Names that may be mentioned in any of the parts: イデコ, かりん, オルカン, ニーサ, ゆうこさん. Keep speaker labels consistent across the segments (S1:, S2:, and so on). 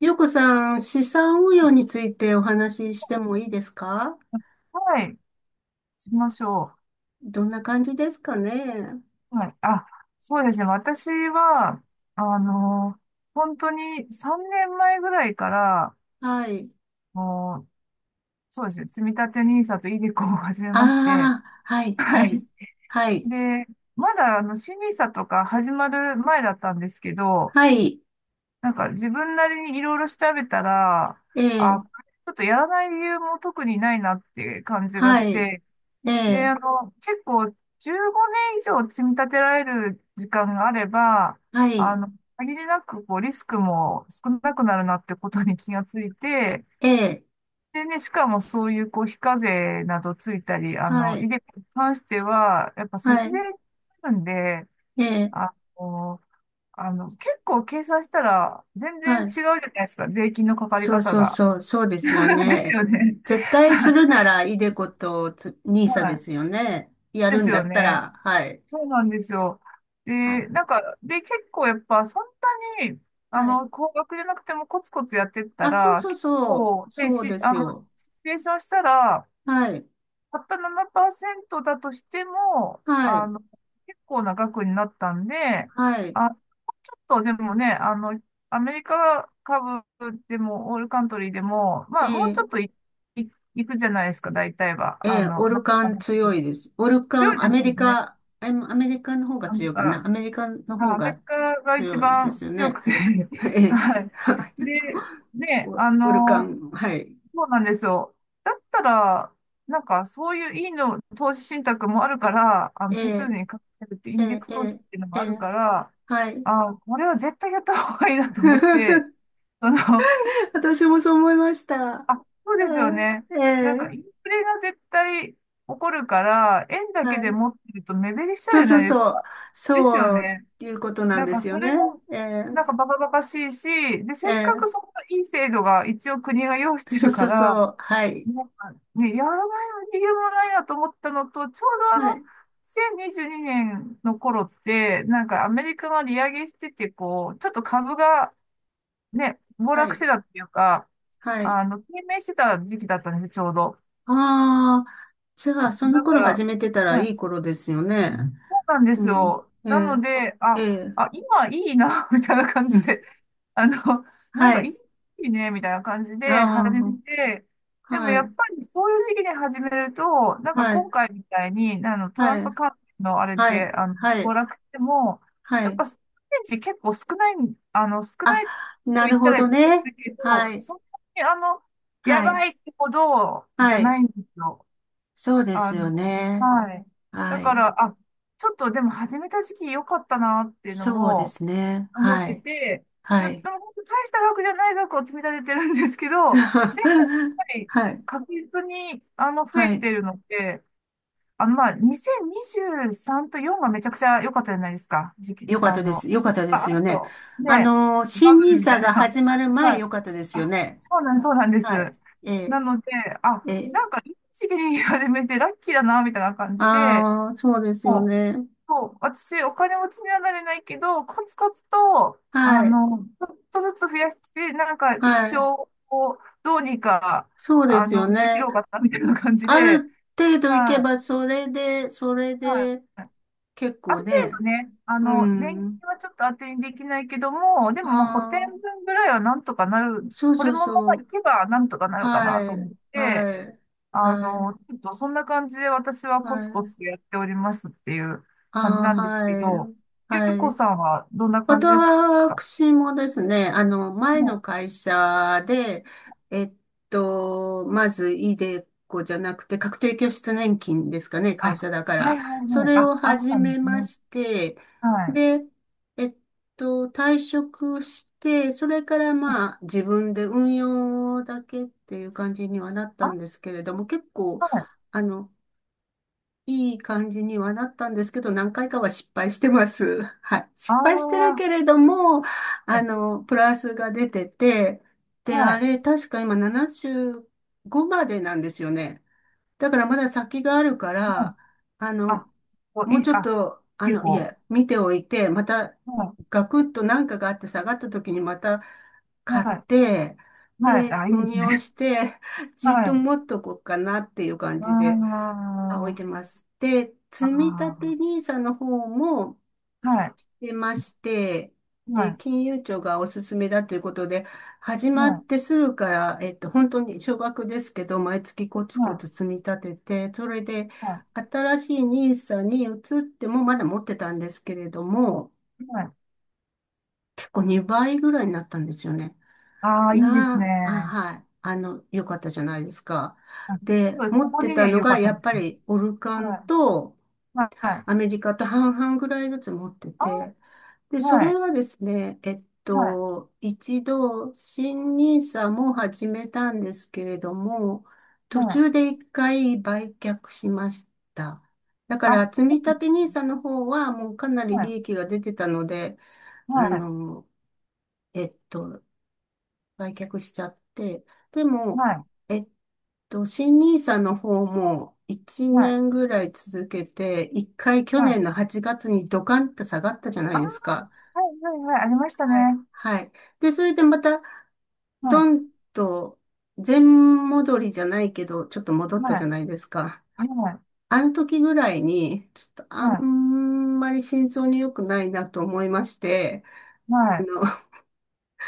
S1: ゆうこさん、資産運用についてお話ししてもいいですか？
S2: はい、しましょ
S1: どんな感じですかね？
S2: う。はい。あ、そうですね。私は、あの、本当に3年前ぐらいから、
S1: はい。
S2: もう、そうですね。積み立てニーサとイデコを始め
S1: あ
S2: まして、
S1: あ、は い、は
S2: はい。
S1: い、はい、
S2: で、まだ、新 n i s とか始まる前だったんですけど、
S1: はい、
S2: なんか自分なりにいろいろ調べたら、
S1: え
S2: あ、
S1: え、
S2: これちょっとやらない理由も特にないなっていう感じがし
S1: はい、
S2: て、
S1: え
S2: で、
S1: え、
S2: 結構15年以上積み立てられる時間があれば、
S1: は
S2: あ
S1: い、
S2: の、限りなくこうリスクも少なくなるなってことに気がついて、
S1: ええ、
S2: でね、しかもそういうこう非課税などついたり、
S1: はい、
S2: イデコに関しては、やっぱ
S1: は
S2: 節税
S1: い、
S2: になるんで、
S1: ええ、
S2: あの、結構計算したら全然
S1: は
S2: 違う
S1: い。
S2: じゃないですか、税金のかかり
S1: そう
S2: 方
S1: そう
S2: が。
S1: そう、そうですよ
S2: です
S1: ね。
S2: よね。
S1: 絶対す るなら、イデコとニーサで
S2: はい。
S1: すよね。や
S2: で
S1: る
S2: す
S1: んだ
S2: よ
S1: った
S2: ね。
S1: ら、はい、
S2: そうなんですよ。
S1: はい、
S2: で、なんか、結構やっぱそんなに、
S1: はい。
S2: 高額でなくてもコツコツやってった
S1: あ、そう
S2: ら、
S1: そう
S2: 結
S1: そう、
S2: 構、で、
S1: そう
S2: し、
S1: で
S2: あ
S1: す
S2: の、シ
S1: よ。
S2: ミュレーションしたら、
S1: はい。
S2: たった7%だとしても、
S1: はい。
S2: 結構な額になったんで、
S1: はい。
S2: あ、ちょっとでもね、アメリカ株でも、オールカントリーでも、ま
S1: え
S2: あ、もう
S1: え、
S2: ちょっとい、いくじゃないですか、大体は。
S1: ええ、オ
S2: な
S1: ル
S2: ん
S1: カ
S2: か
S1: ン強いです。オルカ
S2: 強い
S1: ン、ア
S2: で
S1: メ
S2: すよ
S1: リ
S2: ね。
S1: カ、えアメリカの方が
S2: なん
S1: 強いかな。
S2: か
S1: アメリカの方
S2: アメリ
S1: が
S2: カが一
S1: 強いで
S2: 番
S1: すよ
S2: 強
S1: ね。
S2: くて
S1: え え、
S2: はい。
S1: はい。
S2: で、ね、
S1: オオルカン、はい。
S2: そうなんですよ。だったら、なんかそういういいの、投資信託もあるから、あの
S1: え
S2: 指数
S1: え、
S2: にかけるってイ
S1: え
S2: ンデッ
S1: え、
S2: クス
S1: え
S2: 投資
S1: え、
S2: っていうのも
S1: え
S2: ある
S1: え、
S2: から、
S1: はい。
S2: あ、これは絶対やった方がいいなと思って、その、
S1: 私もそう思いました。は
S2: あ、そうですよね。
S1: い、え
S2: なんかイン
S1: え、
S2: フレが絶対起こるから、円だけ
S1: は
S2: で
S1: い。
S2: 持ってると目減りしちゃう
S1: そ
S2: じ
S1: う
S2: ゃ
S1: そう
S2: ないです
S1: そう。
S2: か。ですよ
S1: そう
S2: ね。
S1: いうことなん
S2: なん
S1: で
S2: から
S1: すよ
S2: それ
S1: ね。
S2: も、
S1: ええ、
S2: なんかバカバカしいし、で、
S1: え
S2: せっか
S1: え、
S2: くそこのいい制度が一応国が用意して
S1: そう
S2: る
S1: そ
S2: か
S1: う
S2: ら、
S1: そう。はい。
S2: なんかね、やらないの理由もないなと思ったのと、ちょうど
S1: はい。
S2: 2022年の頃って、なんかアメリカが利上げしてて、こう、ちょっと株がね、暴
S1: は
S2: 落し
S1: い。
S2: てたっていうか、
S1: はい。
S2: 低迷してた時期だったんですよ、ちょうど。
S1: ああ、じゃあ、その
S2: だか
S1: 頃始
S2: ら、
S1: めてたら
S2: は
S1: い
S2: い、
S1: い頃ですよね。
S2: そうなんで
S1: う
S2: す
S1: ん。
S2: よ。
S1: え
S2: なの
S1: え、
S2: で、
S1: ええ、
S2: あ、今いいな、みたいな感
S1: う
S2: じ
S1: ん。
S2: で。あの、なん
S1: は
S2: か
S1: い。
S2: いいね、みたいな感じで始め
S1: あ
S2: て、
S1: あ、
S2: でも
S1: は
S2: や
S1: い。
S2: っぱりそういう時期に始めると、なんか
S1: はい。
S2: 今回みたいに、トラ
S1: は
S2: ン
S1: い。
S2: プ関連のあれ
S1: は
S2: で、
S1: い。は
S2: 暴
S1: い。
S2: 落しても、
S1: は
S2: やっ
S1: い。
S2: ぱステージ結構少ない、少な
S1: あ、
S2: いと
S1: な
S2: 言
S1: る
S2: った
S1: ほ
S2: らい
S1: ど
S2: け
S1: ね。
S2: ないけ
S1: は
S2: ど、
S1: い。
S2: そんなにや
S1: はい。
S2: ばいってほどじ
S1: は
S2: ゃな
S1: い。
S2: いんですよ。
S1: そうで
S2: あ
S1: す
S2: の、
S1: よね。
S2: はい。だ
S1: は
S2: か
S1: い。
S2: ら、あ、ちょっとでも始めた時期良かったなっていうの
S1: そうで
S2: も、
S1: すね。
S2: 思っ
S1: は
S2: てて、
S1: い。はい。
S2: でも本当大した額じゃない額を積み立ててるんですけど、で も、やっぱり
S1: はい。
S2: 確実に増え
S1: はい。
S2: てるので、まあ2023と4がめちゃくちゃ良かったじゃないですか、時期、
S1: よかったです。よかったで
S2: あ、
S1: す
S2: あ
S1: よね。
S2: と、
S1: あ
S2: ね、
S1: の
S2: バ
S1: 新ニ
S2: ブ
S1: ー
S2: ルみた
S1: サ
S2: い
S1: が
S2: な。
S1: 始まる 前
S2: はい。
S1: よかったですよ
S2: あ、
S1: ね。
S2: そうなんで
S1: は
S2: す。
S1: い。ええ、
S2: なので、あ、
S1: ええ。
S2: なんかいい時期に始めてラッキーだな、みたいな感じで、
S1: ああ、そうですよね。
S2: そう、私、お金持ちにはなれないけど、コツコツと、
S1: はい。
S2: ちょっとずつ増やして、なんか一
S1: は
S2: 生
S1: い。
S2: をどうにか、
S1: そうですよ
S2: 生き
S1: ね。
S2: ろうかな、みたいな感じ
S1: あ
S2: で、
S1: る程度いけ
S2: はい、
S1: ば、それで、それ
S2: はい。
S1: で、結
S2: あ
S1: 構
S2: る程
S1: ね。
S2: 度ね、
S1: う
S2: 年金
S1: ん。
S2: はちょっと当てにできないけども、でもまあ補填
S1: ああ、
S2: 分ぐらいはなんとかなる、
S1: そう
S2: こ
S1: そ
S2: れ
S1: う
S2: もまあ
S1: そ
S2: い
S1: う。
S2: けばなんとかなるかな
S1: は
S2: と思
S1: い。
S2: って、
S1: はい。はい。
S2: ちょっとそんな感じで私はコ
S1: は
S2: ツコ
S1: い。
S2: ツとやっておりますっていう感じ
S1: ああ、
S2: なんですけど、
S1: はい。
S2: ゆう
S1: は
S2: こ
S1: い。
S2: さんはどんな感じですか
S1: 私もですね、前
S2: も
S1: の
S2: う、
S1: 会社で、えっまず、イデコじゃなくて、確定拠出年金ですかね、
S2: あ、
S1: 会社だか
S2: は
S1: ら。
S2: いはい
S1: そ
S2: はい。
S1: れ
S2: あ、
S1: を
S2: あっ
S1: 始
S2: たん
S1: め
S2: です
S1: ま
S2: ね。
S1: して、
S2: はい。
S1: で、えっ退職して、それからまあ、自分で運用だけっていう感じにはなった
S2: あ、
S1: んですけれども、結構、
S2: はい。
S1: あの、いい感じにはなったんですけど、何回かは失敗してます。はい。
S2: ああ、
S1: 失敗してる
S2: は
S1: けれども、
S2: い。
S1: プラスが出てて、で、
S2: は
S1: あ
S2: い。
S1: れ、確か今75までなんですよね。だからまだ先があるか
S2: はい
S1: ら、あ
S2: あ、
S1: の、
S2: こう
S1: もう
S2: いい、
S1: ちょっ
S2: あ、
S1: と、
S2: 結
S1: い
S2: 構。
S1: や見ておいて、また、
S2: は
S1: ガクッと何かがあって下がった時にまた
S2: い。
S1: 買っ
S2: はい。
S1: て、
S2: はい。
S1: で、
S2: あ、いいで
S1: 運
S2: す
S1: 用
S2: ね。
S1: して、じっ
S2: は
S1: と
S2: い。
S1: 持っとこうかなっていう感
S2: あ
S1: じで、あ、置いて
S2: あ、
S1: ます。で、積立
S2: あ
S1: ニ i サの方も
S2: あ、はい。
S1: 出まして、
S2: は
S1: で、
S2: い。
S1: 金融庁がおすすめだということで、始
S2: は
S1: まっ
S2: い。
S1: てすぐから、本当に少額ですけど、毎月コツ
S2: は
S1: コツ
S2: い。
S1: 積み立てて、それで、
S2: は
S1: 新しいニーサに移っても、まだ持ってたんですけれども、
S2: い。はい。
S1: 結構2倍ぐらいになったんですよね。
S2: ああ、いいですね。
S1: はい。よかったじゃないですか。
S2: あ、す
S1: で、
S2: ごい、
S1: 持
S2: こ
S1: っ
S2: こ
S1: てた
S2: に
S1: の
S2: 良か
S1: が、
S2: った
S1: や
S2: で
S1: っぱ
S2: すね。
S1: り、オルカ
S2: は
S1: ン
S2: い。
S1: と、
S2: はい。はい。
S1: アメリカと半々ぐらいずつ持って
S2: あ、
S1: て、で、そ
S2: は
S1: れ
S2: い。
S1: はですね、
S2: はい。
S1: 一度、新ニーサも始めたんですけれども、
S2: は
S1: 途
S2: い。
S1: 中で一回売却しました。だから、
S2: あ、
S1: 積み立てニーサの方はもうかなり
S2: は
S1: 利
S2: い。
S1: 益が出てたので、
S2: は
S1: あ
S2: い。
S1: の、えっと、売却しちゃって、でも、
S2: はい。
S1: えっ新ニーサの方も1
S2: はい。
S1: 年ぐらい続けて、1回去
S2: はい。
S1: 年の8月にドカンと下がったじゃな
S2: あ、
S1: い
S2: は
S1: ですか。
S2: い。はい。はい。ありましたね。
S1: はい。はい。で、それでまた、
S2: はい。
S1: ドンと、全戻りじゃないけど、ちょっと戻った
S2: は
S1: じ
S2: い。
S1: ゃないですか。
S2: はい。
S1: あの時ぐらいに、ちょっとあ
S2: は
S1: んまり心臓に良くないなと思いまして、
S2: い。は
S1: あ
S2: い。
S1: の、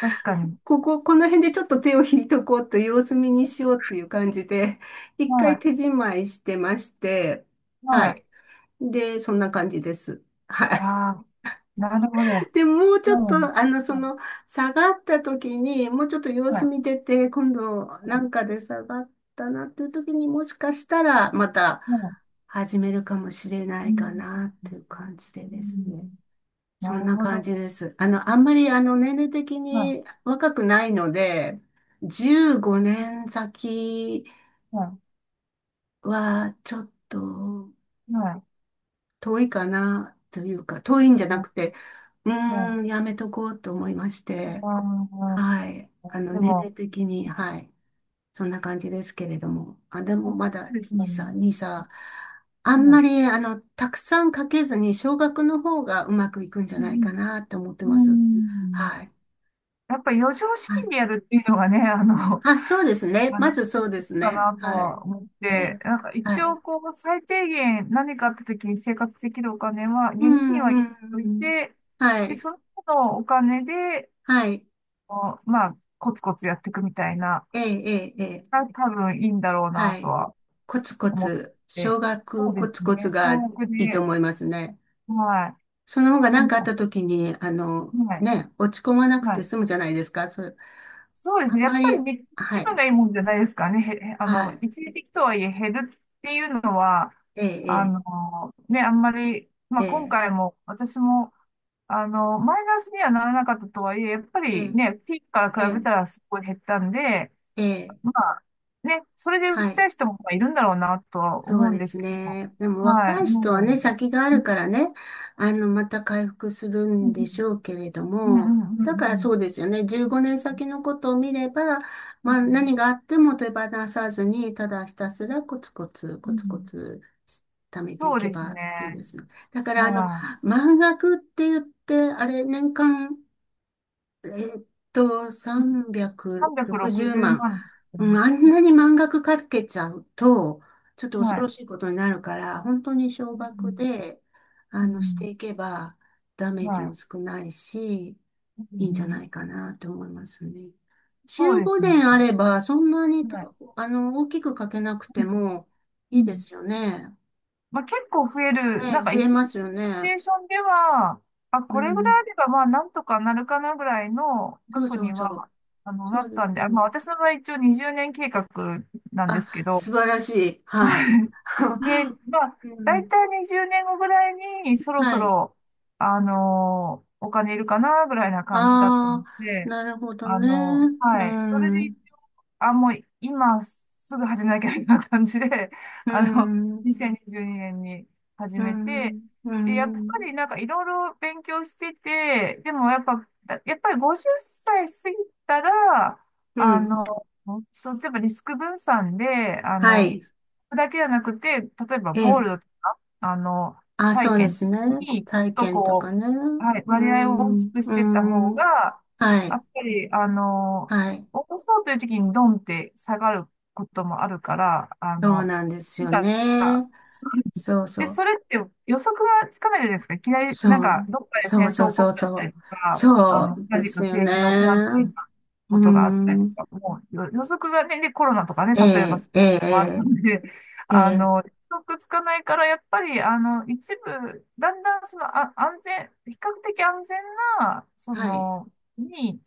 S2: 確かに。
S1: この辺でちょっと手を引いとこうと様子見にしようという感じで、一回
S2: は
S1: 手締まいしてまして、
S2: い。
S1: は
S2: はい。
S1: い。で、そんな感じです。はい。
S2: ああ、なるほど。
S1: で、もうち
S2: そ
S1: ょっ
S2: うなんで
S1: と、
S2: す。は
S1: 下がった時に、もうちょっと様
S2: い。は
S1: 子
S2: い。
S1: 見てて、今度、なん
S2: は
S1: かで下がったなという時に、もしかしたら、また
S2: い。はい。
S1: 始めるかもしれな
S2: う
S1: いか
S2: ん。
S1: な、という感じで
S2: う
S1: です
S2: ん。
S1: ね。
S2: な
S1: そん
S2: る
S1: な
S2: ほ
S1: 感
S2: ど。
S1: じです。あんまり年齢的
S2: は
S1: に若くないので、15年先
S2: い。は
S1: はちょっと
S2: い。はい。
S1: 遠いかなというか、遠いんじゃな
S2: は
S1: くて、
S2: い。は
S1: やめとこうと思いまし
S2: い。
S1: て、
S2: あ
S1: はい。
S2: あ、で
S1: 年
S2: も、
S1: 齢的に、はい。そんな感じですけれども。あ、でも
S2: そ
S1: ま
S2: う
S1: だ
S2: ですかね。
S1: 2歳、2歳。あんまり、たくさんかけずに、少額の方がうまくいくんじゃ
S2: う
S1: ないか
S2: ん、
S1: なと思って
S2: う
S1: ます。
S2: ん、
S1: はい。
S2: やっぱ余剰資
S1: は
S2: 金
S1: い、
S2: でやるっていうのがね、
S1: あ、そうです ね。
S2: あ
S1: ま
S2: の、
S1: ずそうです
S2: か
S1: ね。
S2: なと
S1: はい。
S2: は思っ
S1: え
S2: て、
S1: え、
S2: なんか
S1: は
S2: 一
S1: い。
S2: 応こう、最低限何かあった時に生活できるお金は、
S1: う
S2: 現金は
S1: ん、
S2: 用
S1: う
S2: 意
S1: ん、
S2: てお
S1: う
S2: い
S1: ん。
S2: て、
S1: は
S2: で、
S1: い。
S2: その他のお金で、
S1: はい。
S2: こうまあ、コツコツやっていくみたいな、
S1: ええ、ええ、ええ、
S2: が多分いいんだろうな
S1: は
S2: と
S1: い。
S2: は
S1: コツコ
S2: 思っ
S1: ツ、
S2: て、
S1: 少
S2: そ
S1: 額
S2: うで
S1: コ
S2: す
S1: ツコツ
S2: ね、
S1: が
S2: 総
S1: い
S2: 額
S1: いと
S2: で、
S1: 思いますね。
S2: は
S1: その方が
S2: い。で
S1: 何かあっ
S2: も、
S1: た時に、
S2: はい。
S1: ね、落ち込まなく
S2: は
S1: て
S2: い、
S1: 済むじゃないですか。それ、
S2: そうです
S1: あん
S2: ね。や
S1: ま
S2: っぱ
S1: り、
S2: りね、
S1: は
S2: 気分
S1: い。
S2: がいいもんじゃないですかね。
S1: はい。
S2: 一時的とはいえ減るっていうのは、
S1: え
S2: あ
S1: え、
S2: の、ね、あんまり、ま
S1: え
S2: あ
S1: え、え
S2: 今
S1: え、
S2: 回も私も、マイナスにはならなかったとはいえ、やっぱ
S1: え
S2: り
S1: え、
S2: ね、ピークか
S1: え
S2: ら比
S1: え、
S2: べたらすごい減ったんで、
S1: ええ、
S2: まあね、それで売っ
S1: は
S2: ちゃ
S1: い。
S2: う人もいるんだろうなとは
S1: そ
S2: 思
S1: う
S2: うん
S1: で
S2: です
S1: す
S2: けど、
S1: ね。でも
S2: は
S1: 若
S2: い、
S1: い人は
S2: も
S1: ね、先があ
S2: う、
S1: るからね、また回復する
S2: う
S1: ん
S2: ん、
S1: でしょうけれど
S2: うん、う
S1: も、
S2: ん、うん、
S1: だか
S2: う
S1: らそ
S2: ん、
S1: うですよね。15年先のことを見れば、
S2: うん、
S1: ま
S2: う
S1: あ
S2: ん、
S1: 何があっても手放さずに、ただひたすらコツコツ、
S2: う
S1: コツコ
S2: ん、
S1: ツ貯めてい
S2: そう
S1: け
S2: です
S1: ばいいで
S2: ね。
S1: すね。だから
S2: はい。
S1: 満額って言って、あれ、年間えーっと、360
S2: 360
S1: 万。
S2: 万って言っ
S1: うん、あ
S2: て
S1: ん
S2: ます。
S1: なに満額かけちゃうと、ちょっと
S2: は
S1: 恐ろ
S2: い。
S1: しいことになるから、本当に少
S2: う
S1: 額
S2: ん。
S1: で、
S2: う
S1: し
S2: ん。
S1: ていけば、ダメージ
S2: は
S1: も
S2: い。
S1: 少ないし、
S2: う
S1: いいんじゃな
S2: ん。
S1: いかなと思いますね。
S2: そう
S1: 15
S2: ですね。
S1: 年あれば、そんなにた、
S2: はい。
S1: あの、大きくかけなく
S2: う
S1: て
S2: ん。
S1: も
S2: う
S1: いいで
S2: ん。
S1: すよね。
S2: まあ、結構増える。な
S1: ね、
S2: んか
S1: 増
S2: 一
S1: えま
S2: 応、シ
S1: す
S2: チ
S1: よ
S2: ュ
S1: ね。
S2: エーションでは、あ、
S1: う
S2: これぐら
S1: ん。
S2: いあれば、まあ、なんとかなるかなぐらいの
S1: そう
S2: 額
S1: そ
S2: に
S1: うそう。
S2: は、な
S1: そう
S2: っ
S1: で
S2: たん
S1: す
S2: で、
S1: よ
S2: あ、
S1: ね。
S2: まあ、私の場合一応20年計画なんですけど、
S1: 素晴らしい。はい。
S2: で、ま あ、
S1: う
S2: だい
S1: ん。
S2: たい20年後ぐらいに、そろそ
S1: はい。
S2: ろ、あのーお金いるかな、ぐらいな感じだった
S1: あ
S2: の
S1: あ、
S2: で、
S1: なるほどね。う
S2: はい。それでいっ
S1: ん。
S2: あ、もう今すぐ始めなきゃみたいな感じで、
S1: う
S2: あの、
S1: ん。
S2: 2022年にじゅうにねんに始
S1: う
S2: めて、
S1: ん。う
S2: で、やっぱ
S1: ん。
S2: りなんかいろいろ勉強してて、でもやっぱ、だやっぱり50歳過ぎたら、
S1: う
S2: あ
S1: ん、
S2: の、そう、例えばリスク分散で、
S1: はい。
S2: だけじゃなくて、例えば
S1: え
S2: ゴール
S1: え。
S2: ドとか、
S1: あ、
S2: 債
S1: そうで
S2: 券
S1: すね。
S2: に、ちょっ
S1: 債
S2: と
S1: 券とか
S2: こ
S1: ね。
S2: う、はい、
S1: う
S2: 割合を大き
S1: ん。
S2: くし
S1: う
S2: てった方
S1: ん。
S2: が、
S1: は
S2: や
S1: い。
S2: っぱり、
S1: はい。
S2: 落とそうという時にドンって下がることもあるから、
S1: そうなんですよ
S2: なんか、
S1: ね。そう
S2: で、
S1: そう。
S2: それって予測がつかないじゃないですか。いきなり、なん
S1: そ
S2: か、
S1: う。
S2: どっかで
S1: そう
S2: 戦
S1: そ
S2: 争
S1: う
S2: 起こ
S1: そう
S2: っちゃっ
S1: そ
S2: た
S1: う。
S2: りとか、
S1: そうで
S2: 何か
S1: すよ
S2: 政
S1: ね。
S2: 治の不安定な
S1: う
S2: ことがあったり
S1: ん。
S2: とか、もう予測がね、で、コロナとかね、例えば
S1: え
S2: そうい
S1: え、え
S2: うのもある
S1: え、
S2: ので、
S1: ええ。え
S2: 予
S1: え、
S2: 測つかないから、やっぱり、一部、だんだんその、比較的安全な、そ
S1: はい。
S2: の、に、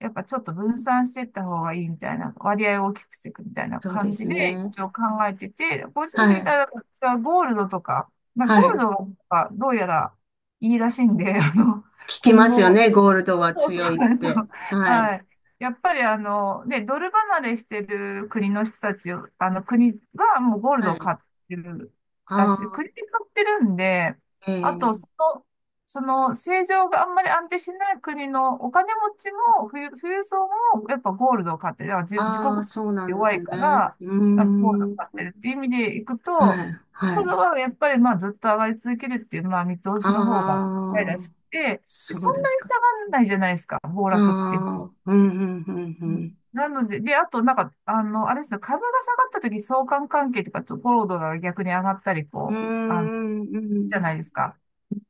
S2: やっぱちょっと分散していった方がいいみたいな、割合を大きくしていくみたいな
S1: そうで
S2: 感じ
S1: す
S2: で、
S1: ね。
S2: 一応考えてて、50
S1: は
S2: 過ぎた
S1: い。
S2: らはゴールドとか、まあ、
S1: は
S2: ゴール
S1: い。
S2: ドがどうやらいいらしいんで、
S1: 聞き
S2: 今
S1: ますよ
S2: 後、
S1: ね。ゴールドは
S2: そうそ
S1: 強い
S2: う
S1: っ
S2: なんですよ。
S1: て。はい。
S2: はい。やっぱりね、ドル離れしてる国の人たちを、あの国はもうゴールド
S1: は
S2: を
S1: い。
S2: 買ってるら
S1: あ
S2: しい。国
S1: あ、
S2: で買ってるんで、
S1: え
S2: あと、
S1: え。
S2: その、政情があんまり安定しない国のお金持ちも、富裕層もやっぱゴールドを買ってる。だから自国
S1: ああ、そうなんで
S2: 弱
S1: す
S2: いか
S1: ね。
S2: ら、
S1: う
S2: なんかゴールドを
S1: ー
S2: 買っ
S1: ん。
S2: てるっていう意味でいくと、
S1: はい。は
S2: ゴール
S1: い。
S2: ドはやっぱりまあずっと上がり続けるっていう、まあ見通しの方
S1: あ
S2: が、らし
S1: あ、
S2: くて、
S1: そ
S2: そ
S1: う
S2: ん
S1: で
S2: な
S1: す
S2: に下
S1: か。
S2: がんないじゃないですか、暴
S1: あ
S2: 落っていうの、
S1: あ、うん、うん、うん、う
S2: うん
S1: ん。
S2: なので、で、あと、なんか、あれですよ、株が下がった時相関関係とか、ちょっとゴールドが逆に上がったり、
S1: うー
S2: こう、あの、
S1: ん、う
S2: じゃ
S1: ん、
S2: ないですか。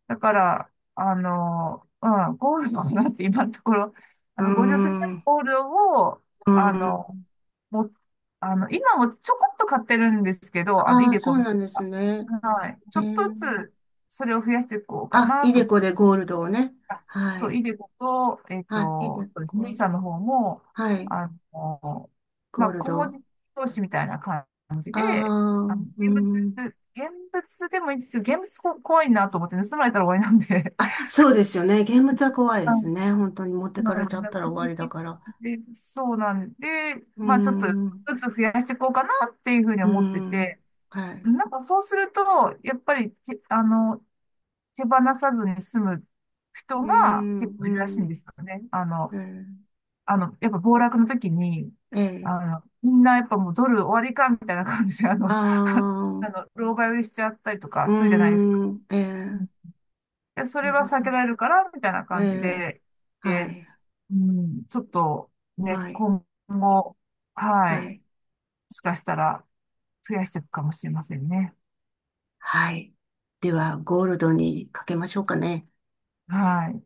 S2: だから、ゴールドなんて今のところ、
S1: う
S2: 50過ぎた
S1: ん。
S2: ゴールドを、
S1: う
S2: あ
S1: ん。
S2: の、も、あの、今もちょこっと買ってるんですけど、
S1: あ
S2: イ
S1: あ、
S2: デ
S1: そ
S2: コ
S1: う
S2: ンと
S1: なんです
S2: か。
S1: ね。
S2: はい。ち
S1: え
S2: ょっと
S1: え。
S2: ずつ、それを増やしていこうか
S1: あ、イ
S2: な
S1: デ
S2: と、
S1: コでゴールドをね。
S2: あ
S1: は
S2: そう、
S1: い。
S2: イデコと、
S1: はい。イデ
S2: そうですね、
S1: コ。
S2: さんの方も、
S1: はい。
S2: あの、ま
S1: ゴー
S2: あ、
S1: ル
S2: 小文
S1: ド。
S2: 字投資みたいな感じ
S1: あ
S2: で、あの、
S1: あ、
S2: 現
S1: うん。
S2: 現物でもいいんですけど、現物こ怖いなと思ってね盗まれたら終わりなんで、
S1: あ、そうですよね。現物は怖いです
S2: あ、
S1: ね。本当に持っ
S2: そ
S1: て
S2: う
S1: か
S2: な
S1: れ
S2: ん
S1: ちゃっ
S2: で
S1: たら
S2: す
S1: 終わりだから。
S2: ね。で、そうなんで、
S1: うー
S2: まあ、ちょっと
S1: ん、
S2: ずつ増やしていこうかなっていうふうに
S1: うー
S2: 思って
S1: ん、
S2: て、
S1: はい。
S2: なんかそうすると、やっぱりて、手放さずに済む人
S1: うー
S2: が結構いるらしい
S1: ん、
S2: ん
S1: う
S2: ですよね。
S1: ーん、
S2: やっぱ暴落の時に、
S1: えー、えー、
S2: みんなやっぱもうドル終わりかみたいな感じで、
S1: あー、
S2: 狼狽売りしちゃったりとか
S1: うー
S2: するじゃないですか。
S1: ん、えー、
S2: いや、そ
S1: そ
S2: れ
S1: う
S2: は
S1: で
S2: 避
S1: す。
S2: けられるから、みたいな
S1: え
S2: 感じ
S1: ー、
S2: で、
S1: は
S2: で、
S1: い、
S2: うん、ちょっとね、
S1: はい、
S2: 今後、
S1: は
S2: はい、も
S1: い、
S2: しかしたら増やしていくかもしれませんね。
S1: はい。では、ゴールドにかけましょうかね。
S2: はい。